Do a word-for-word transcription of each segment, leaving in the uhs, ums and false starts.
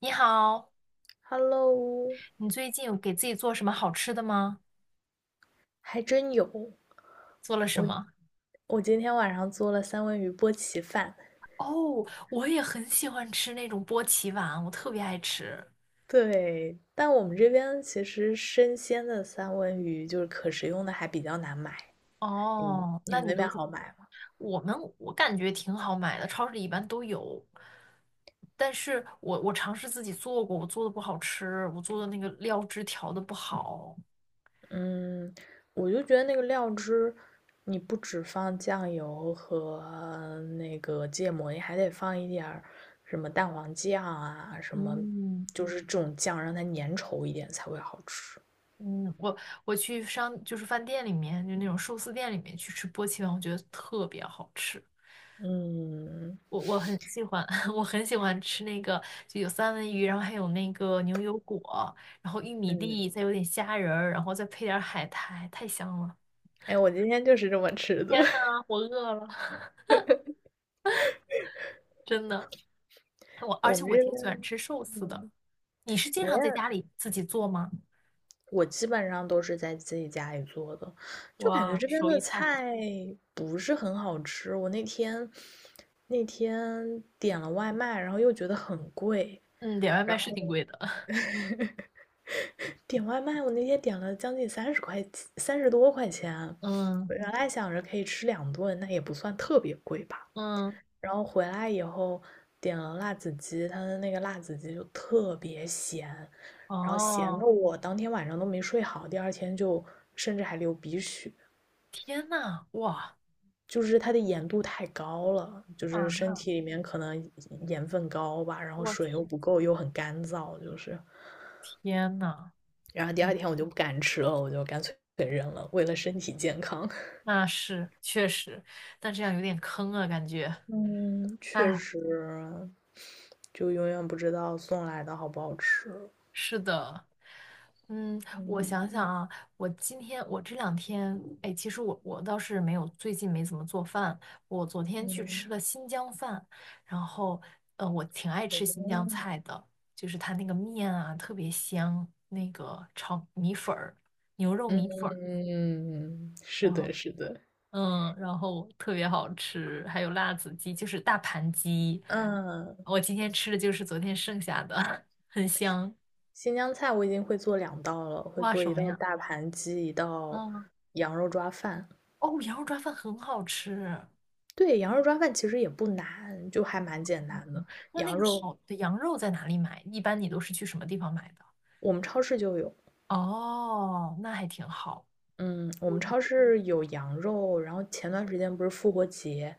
你好，Hello，你最近有给自己做什么好吃的吗？还真有。做了什我么？我今天晚上做了三文鱼波奇饭，哦，我也很喜欢吃那种波奇碗，我特别爱吃。对，但我们这边其实生鲜的三文鱼就是可食用的还比较难买。你们哦，你那们你那边都是好买吗？我们，我感觉挺好买的，超市里一般都有。但是我我尝试自己做过，我做的不好吃，我做的那个料汁调的不好。嗯，我就觉得那个料汁，你不只放酱油和那个芥末，你还得放一点儿什么蛋黄酱啊，什么嗯就是这种酱，让它粘稠一点才会好吃。嗯，我我去商就是饭店里面，就那种寿司店里面去吃波奇碗，我觉得特别好吃。嗯嗯。我我很喜欢，我很喜欢吃那个，就有三文鱼，然后还有那个牛油果，然后玉米嗯粒，再有点虾仁儿，然后再配点儿海苔，太香了！哎，我今天就是这么吃的。天呐，我饿了，真的。我而我且们我这挺边，喜欢吃寿司的。嗯，你是经我也常在家里自己做吗？我基本上都是在自己家里做的，就感觉哇，这边手的艺太好。菜不是很好吃。我那天那天点了外卖，然后又觉得很贵，嗯，点外卖然是后挺贵的。点外卖，我那天点了将近三十块，三十多块钱。嗯我原来想着可以吃两顿，那也不算特别贵吧。嗯，然后回来以后点了辣子鸡，它的那个辣子鸡就特别咸，然后咸的哦，我当天晚上都没睡好，第二天就甚至还流鼻血，天呐，哇就是它的盐度太高了，就啊，是身体里面可能盐分高吧，然后我水又天，不够，又很干燥，就是，天呐！然后第二天我就不敢吃了，我就干脆给扔了，为了身体健康。那是确实，但这样有点坑啊，感觉。嗯，哎，确实，就永远不知道送来的好不好吃。是的，嗯，我嗯想想嗯。啊，我今天我这两天，哎，其实我我倒是没有，最近没怎么做饭。我昨天去嗯吃了新疆饭，然后，呃，我挺爱吃新疆嗯菜的，就是它那个面啊特别香，那个炒米粉儿、牛肉米粉儿。嗯，是然后。的，是的。嗯，然后特别好吃，还有辣子鸡，就是大盘鸡。嗯，我今天吃的就是昨天剩下的，很香。新疆菜我已经会做两道了，会哇，做什一么道呀？大盘鸡，一道嗯，羊肉抓饭。哦，羊肉抓饭很好吃。对，羊肉抓饭其实也不难，就还蛮简单嗯的。那那羊个肉好的羊肉在哪里买？一般你都是去什么地方买的？我们超市就有，哦，那还挺好。嗯，我我们觉超市有羊肉，然后前段时间不是复活节，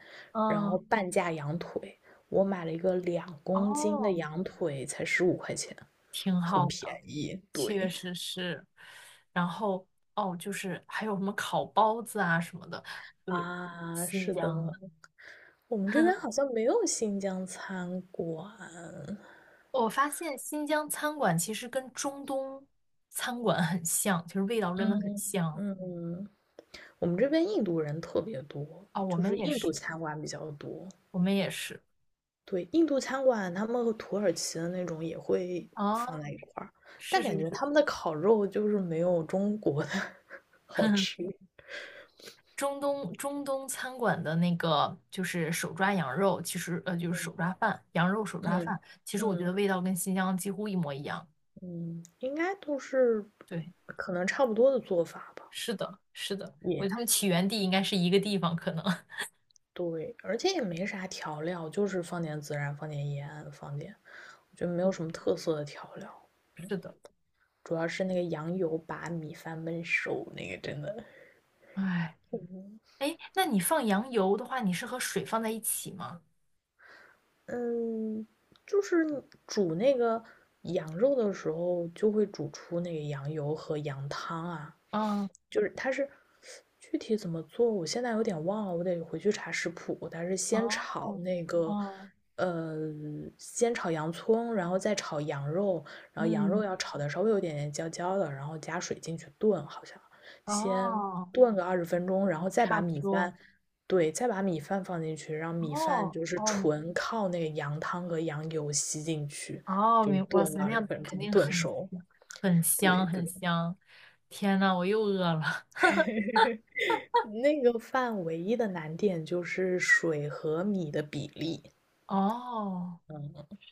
然后嗯，半价羊腿，我买了一个两公斤的哦，羊腿，才十五块钱，挺很好的，便宜。确对，实是。然后哦，就是还有什么烤包子啊什么的，对，啊，新是疆。的，的。我们这边好像没有新疆餐馆。我发现新疆餐馆其实跟中东餐馆很像，其实味道真的很嗯像嗯，我们这边印度人特别多，啊、我就们是也印度是，餐馆比较多。我们也是对，印度餐馆他们和土耳其的那种也会啊，放在 一块儿，但是感是觉是，他们的烤肉就是没有中国的 好吃。中东中东餐馆的那个就是手抓羊肉，其实呃就是手嗯抓饭，羊肉手抓嗯饭，其实我觉得嗯味道跟新疆几乎一模一样。嗯，应该都是对，可能差不多的做法吧。是的，是的，我觉得也。他们起源地应该是一个地方，可能 对，而且也没啥调料，就是放点孜然，放点盐，放点，就 没是有的，什么特色的调料，是的，主要是那个羊油把米饭焖熟，那个真的，哎哎，那你放羊油的话，你是和水放在一起吗？嗯，就是煮那个羊肉的时候，就会煮出那个羊油和羊汤啊，嗯。就是它是具体怎么做，我现在有点忘了，我得回去查食谱。它是先炒哦，那个，哦，呃，先炒洋葱，然后再炒羊肉，然后羊嗯，肉要炒的稍微有点点焦焦的，然后加水进去炖，好像先哦，炖个二十分钟，然后再差把不米多，饭，对，再把米饭放进去，让米饭哦，就是哦，纯靠那个羊汤和羊油吸进去，哦，就明，哇炖塞，那二十样分肯钟，定炖很熟。很对香，很对。香。天呐，我又饿了。那个饭唯一的难点就是水和米的比例，哦，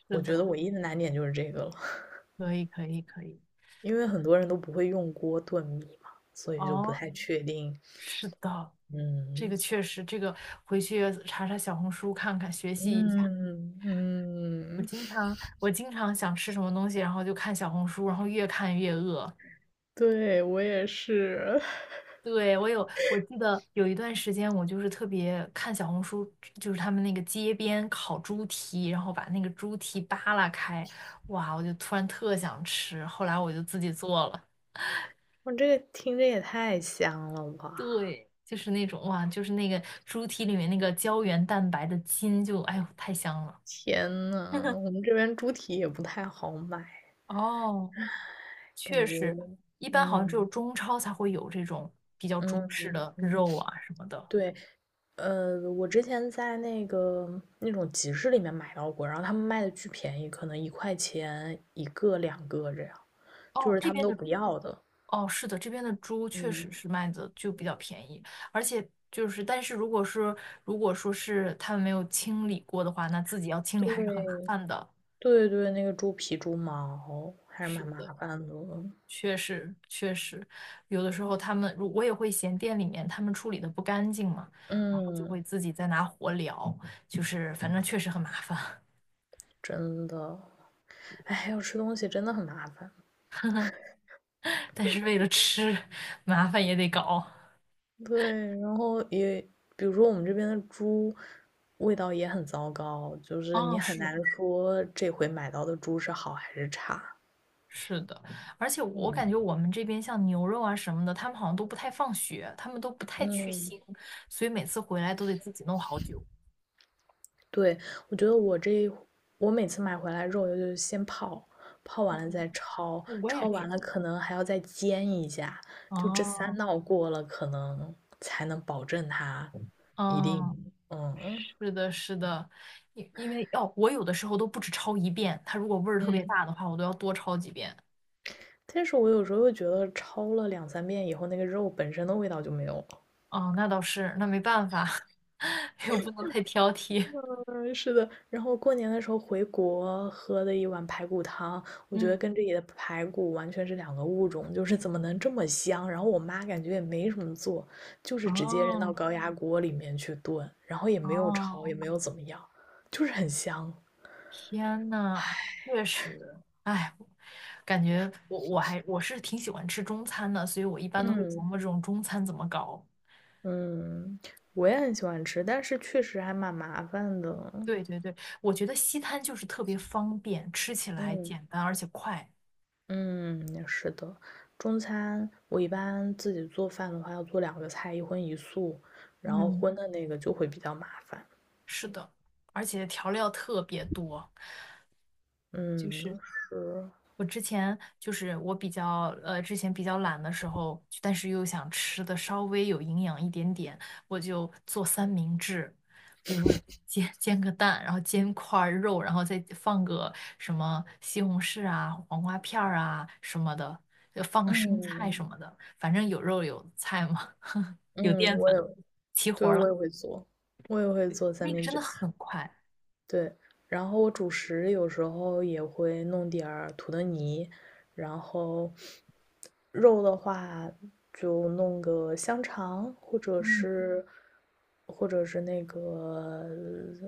是我的，觉得唯一的难点就是这个了，可以，可以，可以。因为很多人都不会用锅炖米嘛，所以就不哦，太确定。是的，这嗯个确实，这个回去查查小红书看看，学习一下。嗯嗯，我经常想吃什么东西，然后就看小红书，然后越看越饿。对，我也是，对，我有，我记得有一段时间，我就是特别看小红书，就是他们那个街边烤猪蹄，然后把那个猪蹄扒拉开，哇，我就突然特想吃，后来我就自己做了。我这个听着也太香了吧！对，就是那种哇，就是那个猪蹄里面那个胶原蛋白的筋就，哎呦，太香了 天呐，我 们这边猪蹄也不太好买，哦，确感实，觉，一般好像只有嗯中超才会有这种比较嗯中式的嗯，肉啊什么的。对。呃，我之前在那个那种集市里面买到过，然后他们卖的巨便宜，可能一块钱一个、两个这样，就哦，是这他们边都的不要的。哦，是的，这边的猪确实嗯，是卖的就比较便宜，而且就是，但是如果是如果说是他们没有清理过的话，那自己要清理还是很麻对，烦的。对对，那个猪皮、猪毛还是是蛮的，麻烦的。确实确实，有的时候他们，如我也会嫌店里面他们处理的不干净嘛，然后就会嗯，自己再拿火燎，就是反正确实很麻烦，真的，哎，要吃东西真的很麻烦。但是为了吃，麻烦也得搞。对，然后也，比如说我们这边的猪味道也很糟糕，就是你哦，很是的。难说这回买到的猪是好还是差。是的，而且我感嗯觉我们这边像牛肉啊什么的，他们好像都不太放血，他们都不太去嗯，腥，所以每次回来都得自己弄好久。对，我觉得我这一我每次买回来肉就是先泡，泡完了嗯，再焯，我也焯是。完了可能还要再煎一下，就这三哦，道过了，可能才能保证它一嗯，定，嗯是的，是的，因因为哦，我有的时候都不止焯一遍，它如果味儿特别嗯。大的话，我都要多焯几遍。但是我有时候又觉得焯了两三遍以后，那个肉本身的味道就没有了。哦，那倒是，那没办法，又不能太挑剔。嗯，是的。然后过年的时候回国喝的一碗排骨汤，我觉得嗯，跟这里的排骨完全是两个物种，就是怎么能这么香？然后我妈感觉也没什么做，就是直接扔到哦，高压锅里面去炖，然后也没有炒，哦。也没有怎么样，就是很香。天呐，确实，哎，感觉我我还我是挺喜欢吃中餐的，所以我一般都会琢嗯磨这种中餐怎么搞。嗯，我也很喜欢吃，但是确实还蛮麻烦的。对对对，我觉得西餐就是特别方便，吃起来嗯。简单而且快。嗯，是的，中餐我一般自己做饭的话，要做两个菜，一荤一素，然后嗯，荤的那个就会比较麻烦。是的，而且调料特别多。就是嗯，是，我之前就是我比较呃，之前比较懒的时候，但是又想吃的稍微有营养一点点，我就做三明治，就是煎煎个蛋，然后煎块儿肉，然后再放个什么西红柿啊、黄瓜片儿啊什么的，就放个生菜什嗯么的，反正有肉有菜嘛，有嗯，淀我粉，也，齐活对，儿我了。也会做，我也会对，做三那个明真的治。很快。对，然后我主食有时候也会弄点儿土豆泥，然后肉的话就弄个香肠，或者嗯，是或者是那个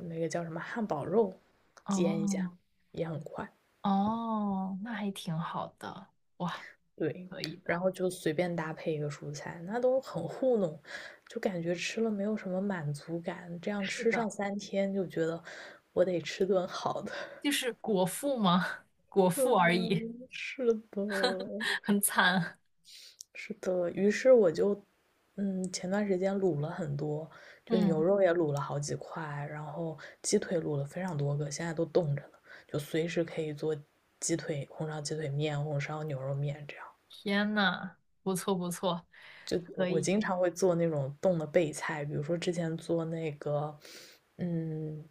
那个叫什么汉堡肉，煎一下哦也很快。哦，那还挺好的，哇，对，可以然的。后就随便搭配一个蔬菜，那都很糊弄，就感觉吃了没有什么满足感，这样是吃的。上三天就觉得我得吃顿好的。就是果腹吗？果腹而已，嗯，是 的，很惨。是的。于是我就，嗯，前段时间卤了很多，就牛嗯，肉也卤了好几块，然后鸡腿卤了非常多个，现在都冻着呢，就随时可以做鸡腿、红烧鸡腿面、红烧牛肉面这样。天呐，不错不错，就可我以。经常会做那种冻的备菜，比如说之前做那个，嗯，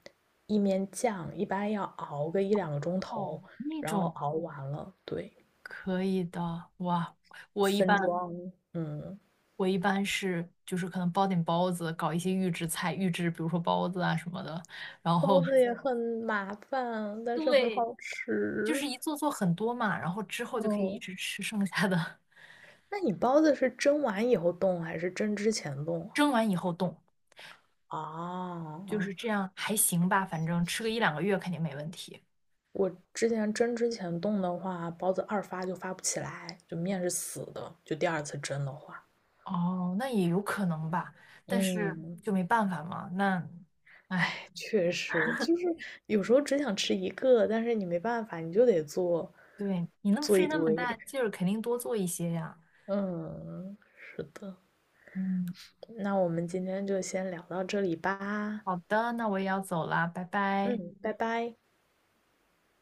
意面酱，一般要熬个一两个钟哦，头，那然后种熬完了，对，可以的。哇，我一分般装，嗯。我一般是就是可能包点包子，搞一些预制菜，预制比如说包子啊什么的，然后 包 子也很麻烦，但是很对，好就吃。是一做做很多嘛，然后之后就可以一嗯，直吃剩下的，那你包子是蒸完以后冻还是蒸之前冻 蒸完以后冻，啊？就是这啊样还行吧，反正吃个一两个月肯定没问题。我之前蒸之前冻的话，包子二发就发不起来，就面是死的，就第二次蒸的话。哦，那也有可能吧，但是嗯，就没办法嘛。那，哎，哎，确实，就是有时候只想吃一个，但是你没办法，你就得做对，你那么做费一那么堆。大劲儿，肯定多做一些呀。嗯，是的。嗯，那我们今天就先聊到这里吧。好的，那我也要走啦，拜拜。嗯，拜拜。